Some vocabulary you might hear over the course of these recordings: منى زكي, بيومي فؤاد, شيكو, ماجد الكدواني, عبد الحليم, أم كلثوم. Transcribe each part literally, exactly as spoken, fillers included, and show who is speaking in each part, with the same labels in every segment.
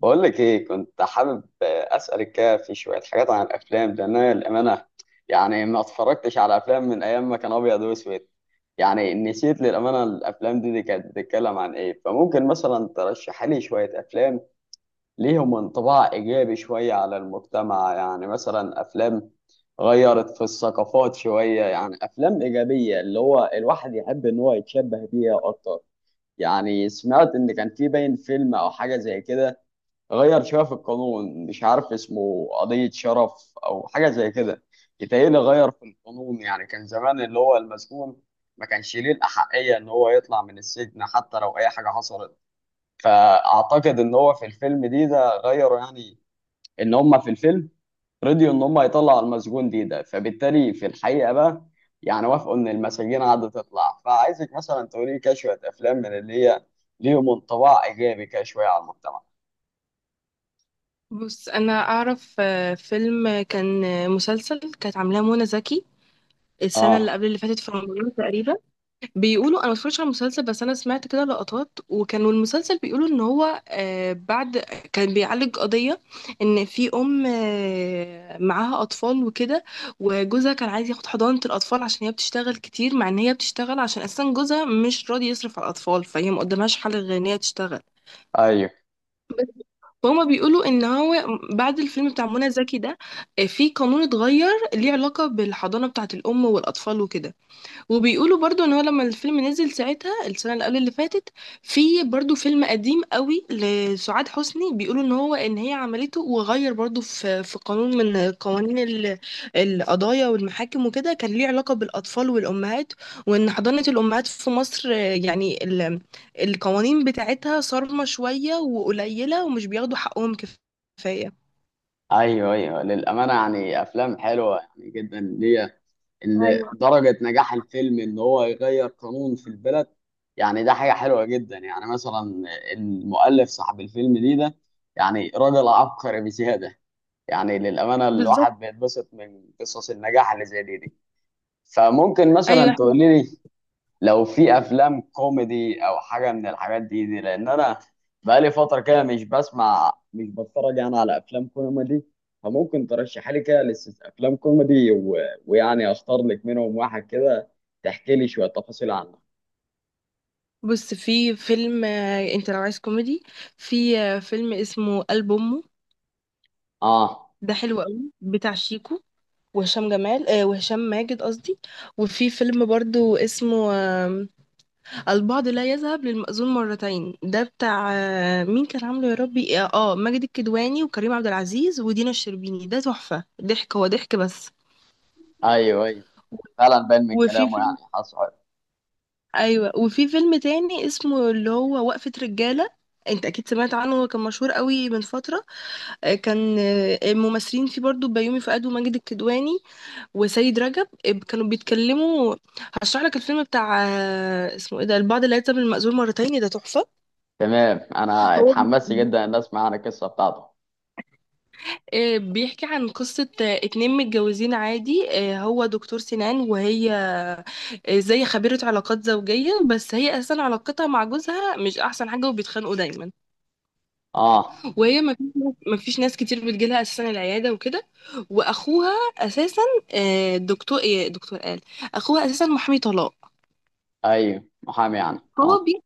Speaker 1: بقول لك ايه، كنت حابب اسالك كده في شويه حاجات عن الافلام، لان انا للامانه يعني ما اتفرجتش على افلام من ايام ما كان ابيض واسود. يعني نسيت للامانه الافلام دي, دي كانت بتتكلم عن ايه؟ فممكن مثلا ترشح لي شويه افلام ليهم انطباع ايجابي شويه على المجتمع، يعني مثلا افلام غيرت في الثقافات شويه، يعني افلام ايجابيه اللي هو الواحد يحب ان هو يتشبه بيها اكتر. يعني سمعت ان كان في باين فيلم او حاجه زي كده غير شويه في القانون، مش عارف اسمه قضيه شرف او حاجه زي كده. يتهيألي غير في القانون، يعني كان زمان اللي هو المسجون ما كانش ليه الاحقيه ان هو يطلع من السجن حتى لو اي حاجه حصلت. فاعتقد ان هو في الفيلم دي ده غيروا، يعني ان هم في الفيلم رضيوا ان هم يطلعوا المسجون دي ده فبالتالي في الحقيقه بقى يعني وافقوا ان المساجين قعدت تطلع. فعايزك مثلا تقولي لي كده شويه افلام من اللي هي ليهم انطباع ايجابي كده شويه على المجتمع.
Speaker 2: بص انا اعرف آه، فيلم كان آه، مسلسل كانت عاملاه منى زكي السنه اللي
Speaker 1: اه.
Speaker 2: قبل اللي فاتت في رمضان تقريبا. بيقولوا انا ما اتفرجتش على المسلسل، بس انا سمعت كده لقطات، وكانوا المسلسل بيقولوا ان هو آه، بعد كان بيعالج قضيه ان في ام آه، معاها اطفال وكده، وجوزها كان عايز ياخد حضانه الاطفال عشان هي بتشتغل كتير، مع ان هي بتشتغل عشان اساسا جوزها مش راضي يصرف على الاطفال، فهي ما قدامهاش حل غير ان هي تشتغل.
Speaker 1: ايوه
Speaker 2: بس هما بيقولوا ان هو بعد الفيلم بتاع منى زكي ده آه، في قانون اتغير ليه علاقة بالحضانة بتاعة الام والاطفال وكده. وبيقولوا برضو ان هو لما الفيلم نزل ساعتها السنه اللي قبل اللي فاتت، في برضو فيلم قديم قوي لسعاد حسني بيقولوا ان هو ان هي عملته، وغير برضو في في قانون من قوانين ال- القضايا والمحاكم وكده كان ليه علاقه بالاطفال والامهات، وان حضانه الامهات في مصر آه، يعني ال- القوانين بتاعتها صارمه شويه وقليله، ومش بياخدوا حقهم كفايه.
Speaker 1: ايوه ايوه، للامانه يعني افلام حلوه يعني جدا ليا، ان
Speaker 2: ايوه
Speaker 1: درجه نجاح الفيلم ان هو يغير قانون في البلد، يعني ده حاجه حلوه جدا. يعني مثلا المؤلف صاحب الفيلم دي ده يعني راجل عبقري بزياده. يعني للامانه
Speaker 2: بالظبط.
Speaker 1: الواحد بيتبسط من قصص النجاح اللي زي دي دي. فممكن مثلا
Speaker 2: ايوه
Speaker 1: تقولي لي لو في افلام كوميدي او حاجه من الحاجات دي دي، لان انا بقالي فتره كده مش بسمع مش بتفرج يعني على افلام كوميدي. فممكن ترشح لي كده لسه افلام كوميدي و... ويعني اختار لك منهم واحد كده تحكي لي شويه تفاصيل عنه.
Speaker 2: بص في فيلم آه، انت لو عايز كوميدي، في آه، فيلم اسمه قلب امه،
Speaker 1: اه
Speaker 2: ده حلو قوي، بتاع شيكو وهشام جمال، آه وهشام ماجد قصدي. وفي فيلم برضو اسمه آه البعض لا يذهب للمأذون مرتين، ده بتاع آه مين كان عامله يا ربي، اه آه، ماجد الكدواني وكريم عبد العزيز ودينا الشربيني. ده تحفة، ضحك هو ضحك بس.
Speaker 1: ايوه ايوه، فعلا باين من
Speaker 2: وفي
Speaker 1: كلامه يعني
Speaker 2: فيلم
Speaker 1: حصل.
Speaker 2: ايوه، وفي فيلم تاني اسمه اللي هو وقفة رجالة، انت اكيد سمعت عنه، هو كان مشهور قوي من فترة. آه، كان آه، الممثلين فيه برضو بيومي فؤاد وماجد الكدواني وسيد رجب، آه، كانوا بيتكلموا. هشرح لك الفيلم بتاع آه، اسمه ايه ده، البعض لا يلزم المأذون مرتين، ده تحفة.
Speaker 1: تمام، انا
Speaker 2: هو ب-
Speaker 1: اتحمست جدا ان اسمع عن القصه بتاعته.
Speaker 2: آه، بيحكي عن قصة آه، اتنين متجوزين عادي، آه، هو دكتور سنان، وهي آه، زي خبيرة علاقات زوجية، بس هي أساسا علاقتها مع جوزها مش أحسن حاجة وبيتخانقوا دايما.
Speaker 1: اه
Speaker 2: وهي ما فيش ناس ما فيش ناس كتير بتجيلها اساسا العياده وكده. واخوها اساسا آه، دكتور ايه دكتور قال اخوها اساسا محامي طلاق.
Speaker 1: ايوه، محامي يعني
Speaker 2: فهو
Speaker 1: اه.
Speaker 2: بي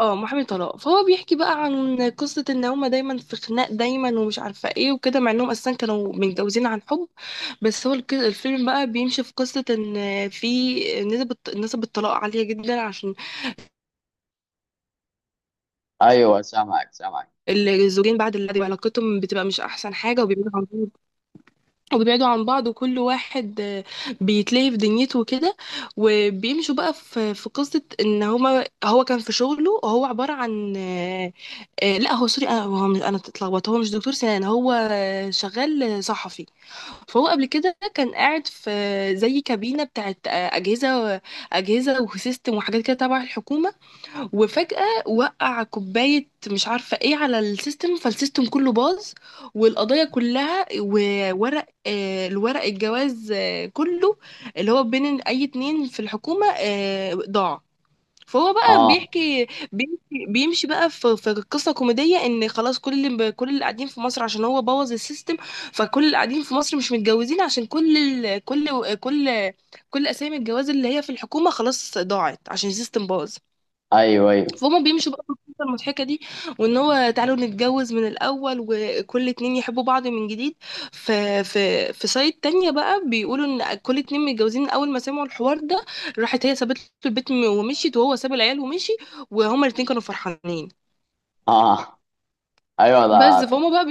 Speaker 2: اه محامي طلاق، فهو بيحكي بقى عن قصه ان هما دايما في خناق دايما ومش عارفه ايه وكده، مع انهم اساسا كانوا متجوزين عن حب. بس هو الك- الفيلم بقى بيمشي في قصه ان في نسب الط- نسب الطلاق عاليه جدا، عشان
Speaker 1: ايوه، سامعك سامعك.
Speaker 2: الزوجين بعد العقد علاقتهم بتبقى مش احسن حاجه، وبيبقوا وبيبعدوا عن بعض، وكل واحد آه، بيتلهي في دنيته وكده. وبيمشوا بقى في في قصة ان هما هو كان في شغله، هو عبارة عن آه، آه، لا هو سوري انا، هو مش- انا اتلخبطت، هو مش دكتور سنان، هو آه، شغال صحفي. فهو قبل كده كان قاعد في زي كابينة بتاعت آه، أجهزة أجهزة وسيستم وحاجات كده تبع الحكومة. وفجأة وقع كوباية مش عارفة ايه على السيستم، فالسيستم كله باظ، والقضية كلها، وورق آه، الورق الجواز آه، كله اللي هو بين أي اتنين في الحكومة آه، ضاع. فهو بقى
Speaker 1: اه
Speaker 2: بيحكي، بيمشي, بيمشي بقى في, في قصة كوميدية ان خلاص كل اللي كل اللي قاعدين في مصر عشان هو بوظ السيستم. فكل اللي قاعدين في مصر مش متجوزين عشان كل ال... كل كل كل اسامي الجواز اللي هي في الحكومة خلاص ضاعت عشان السيستم باظ.
Speaker 1: ايوه ايوه.
Speaker 2: فهم بيمشوا بقى في القصة المضحكة دي، وان هو تعالوا نتجوز من الاول وكل اتنين يحبوا بعض من جديد. في في في سايد تانية بقى بيقولوا ان كل اتنين متجوزين من اول ما سمعوا الحوار ده، راحت هي سابت له البيت م- ومشيت، وهو ساب العيال ومشي، وهما الاتنين كانوا فرحانين.
Speaker 1: اه ايوه ده.
Speaker 2: بس فهم بقى،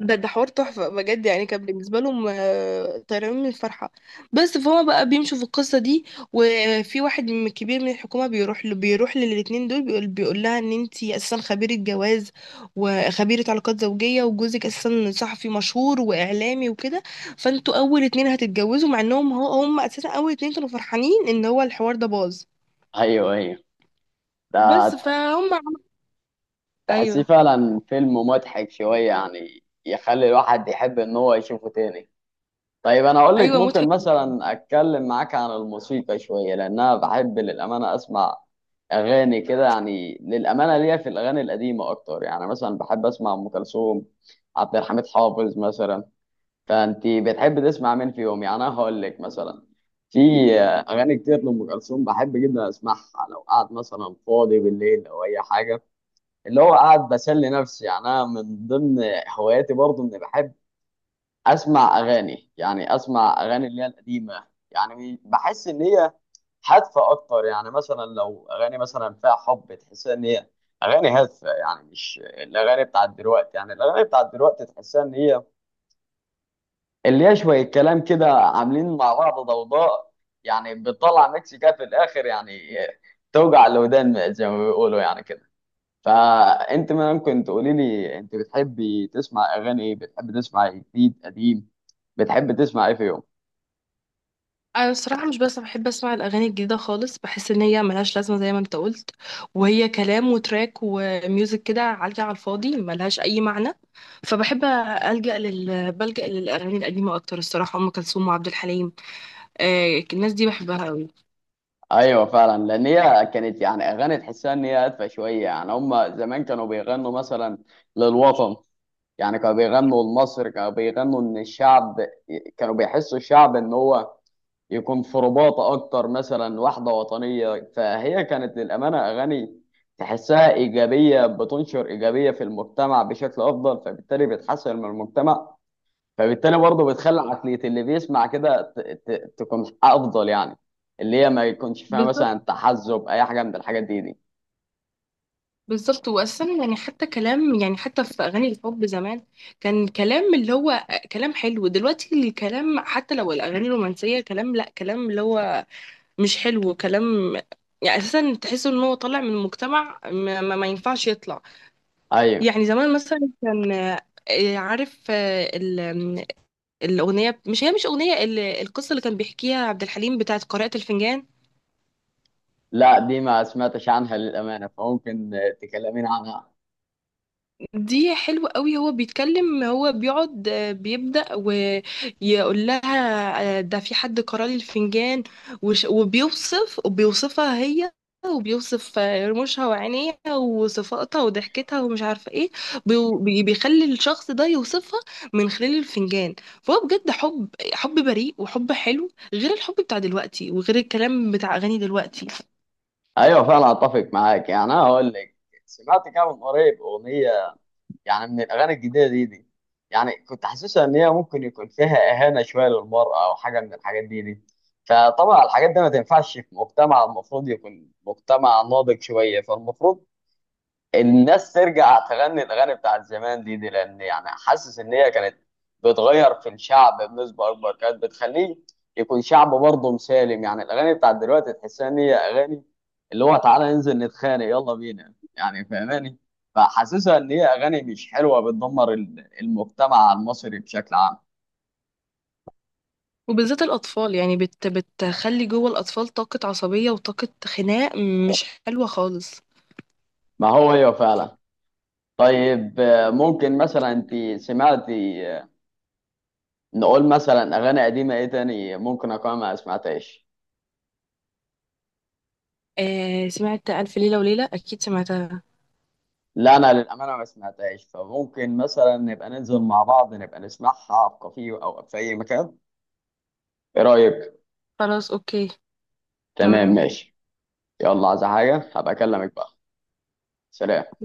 Speaker 2: ده ده حوار تحفة بجد، يعني كان بالنسبة لهم آه، طيران من الفرحة. بس فهو بقى بيمشوا في القصة دي، وفي واحد من كبير من الحكومة بيروح له بيروح للاتنين دول بيقول, بيقول لها ان انتي اساسا خبيرة جواز وخبيرة علاقات زوجية، وجوزك اساسا صحفي مشهور واعلامي وكده، فانتوا اول اتنين هتتجوزوا، مع انهم هو هم اساسا اول اتنين كانوا فرحانين ان هو الحوار ده باظ.
Speaker 1: ايوه ايوه ده،
Speaker 2: بس فهم عم-
Speaker 1: تحسيه
Speaker 2: ايوه
Speaker 1: فعلا فيلم مضحك شويه يعني يخلي الواحد يحب ان هو يشوفه تاني. طيب انا اقول لك،
Speaker 2: ايوه
Speaker 1: ممكن
Speaker 2: مضحك.
Speaker 1: مثلا اتكلم معاك عن الموسيقى شويه، لان انا بحب للامانه اسمع اغاني كده، يعني للامانه ليا في الاغاني القديمه اكتر. يعني مثلا بحب اسمع ام كلثوم، عبد الحميد حافظ مثلا. فانت بتحب تسمع مين فيهم؟ يعني انا هقول لك مثلا في اغاني كتير لام كلثوم بحب جدا اسمعها لو قاعد مثلا فاضي بالليل او اي حاجه، اللي هو قاعد بسلي نفسي. يعني انا من ضمن هواياتي برضو اني بحب اسمع اغاني، يعني اسمع اغاني اللي هي القديمه، يعني بحس ان هي هادفه اكتر. يعني مثلا لو اغاني مثلا فيها حب تحس ان هي اغاني هادفه، يعني مش الاغاني بتاعت دلوقتي. يعني الاغاني بتاعت دلوقتي تحسها ان هي اللي هي شويه كلام كده عاملين مع بعض ضوضاء، يعني بتطلع ميكس كده في الاخر يعني توجع الودان زي ما بيقولوا يعني كده. فانت ممكن تقولي لي انت بتحبي تسمع اغاني ايه؟ بتحب تسمع جديد قديم؟ بتحب تسمع ايه في يوم؟
Speaker 2: انا الصراحه مش بس بحب اسمع الاغاني الجديده خالص، بحس ان هي ملهاش لازمه زي ما انت قلت، وهي كلام وتراك وميوزك كده عالجه على الفاضي ملهاش اي معنى. فبحب الجا لل بلجا للاغاني القديمه اكتر الصراحه، ام كلثوم وعبد الحليم، آه الناس دي بحبها قوي.
Speaker 1: ايوه فعلا، لان هي كانت يعني اغاني تحسها ان هي هادفه شويه. يعني هم زمان كانوا بيغنوا مثلا للوطن، يعني كانوا بيغنوا لمصر، كانوا بيغنوا ان الشعب، كانوا بيحسوا الشعب ان هو يكون في رباطة أكتر، مثلا واحدة وطنية. فهي كانت للأمانة أغاني تحسها إيجابية، بتنشر إيجابية في المجتمع بشكل أفضل، فبالتالي بتحسن من المجتمع، فبالتالي برضه بتخلي عقلية اللي بيسمع كده ت- ت- تكون أفضل، يعني اللي هي ما يكونش فيها
Speaker 2: بالظبط
Speaker 1: مثلا تحزب أي حاجة من الحاجات دي دي.
Speaker 2: بالظبط، واساسا يعني حتى كلام، يعني حتى في اغاني الحب زمان كان كلام اللي هو كلام حلو، دلوقتي الكلام حتى لو الاغاني الرومانسيه كلام، لا كلام اللي هو مش حلو كلام، يعني اساسا تحس ان هو طالع من مجتمع ما, ما, ما ينفعش يطلع.
Speaker 1: أيوه.
Speaker 2: يعني زمان مثلا كان آه، عارف آه، ال- آم، الاغنيه مش هي مش اغنيه ال- القصه اللي كان بيحكيها عبد الحليم بتاعت قارئة الفنجان.
Speaker 1: لا دي ما سمعتش عنها للأمانة، فممكن تكلمين عنها.
Speaker 2: دي حلوة قوي، هو بيتكلم هو بيقعد آه، بيبدأ ويقول لها آه، ده في حد قرا لي الفنجان، وش- وبيوصف وبيوصفها هي وبيوصف آه، رموشها وعينيها وصفاتها وضحكتها ومش عارفة ايه. بيو- بي- بيخلي الشخص ده يوصفها من خلال الفنجان. فهو بجد حب حب بريء وحب حلو، غير الحب بتاع دلوقتي وغير الكلام بتاع أغاني دلوقتي.
Speaker 1: أيوه فعلا أتفق معاك. يعني أنا هقول لك سمعت كده من قريب أغنية يعني من الاغاني الجديده دي دي، يعني كنت حاسسها ان هي ممكن يكون فيها اهانه شويه للمراه او حاجه من الحاجات دي دي. فطبعا الحاجات دي ما تنفعش في مجتمع المفروض يكون مجتمع ناضج شويه. فالمفروض الناس ترجع تغني الاغاني بتاعت زمان دي دي، لان يعني حاسس ان هي كانت بتغير في الشعب بنسبه اكبر، كانت بتخليه يكون شعب برضه مسالم. يعني الاغاني بتاعت دلوقتي تحسها ان هي اغاني اللي هو تعالى ننزل نتخانق يلا بينا يعني، فاهماني؟ فحاسسها ان هي اغاني مش حلوه بتدمر ال- المجتمع المصري بشكل عام.
Speaker 2: وبالذات الأطفال، يعني بت بتخلي جوه الأطفال طاقة عصبية وطاقة خناق مش حلوة خالص.
Speaker 1: ما هو هي فعلا. طيب آه، ممكن مثلا انت سمعتي، آه، نقول مثلا اغاني قديمه ايه تاني ممكن اكون ما سمعتهاش.
Speaker 2: آه سمعت ألف ليلة وليلة، أكيد سمعتها.
Speaker 1: لا انا للامانه ما سمعتهاش، فممكن مثلا نبقى ننزل مع بعض نبقى نسمعها في كافيه او في اي مكان. ايه رايك؟
Speaker 2: خلاص أوكي.
Speaker 1: تمام
Speaker 2: تمام.
Speaker 1: ماشي. يلا عايز حاجه هبقى اكلمك بقى. سلام.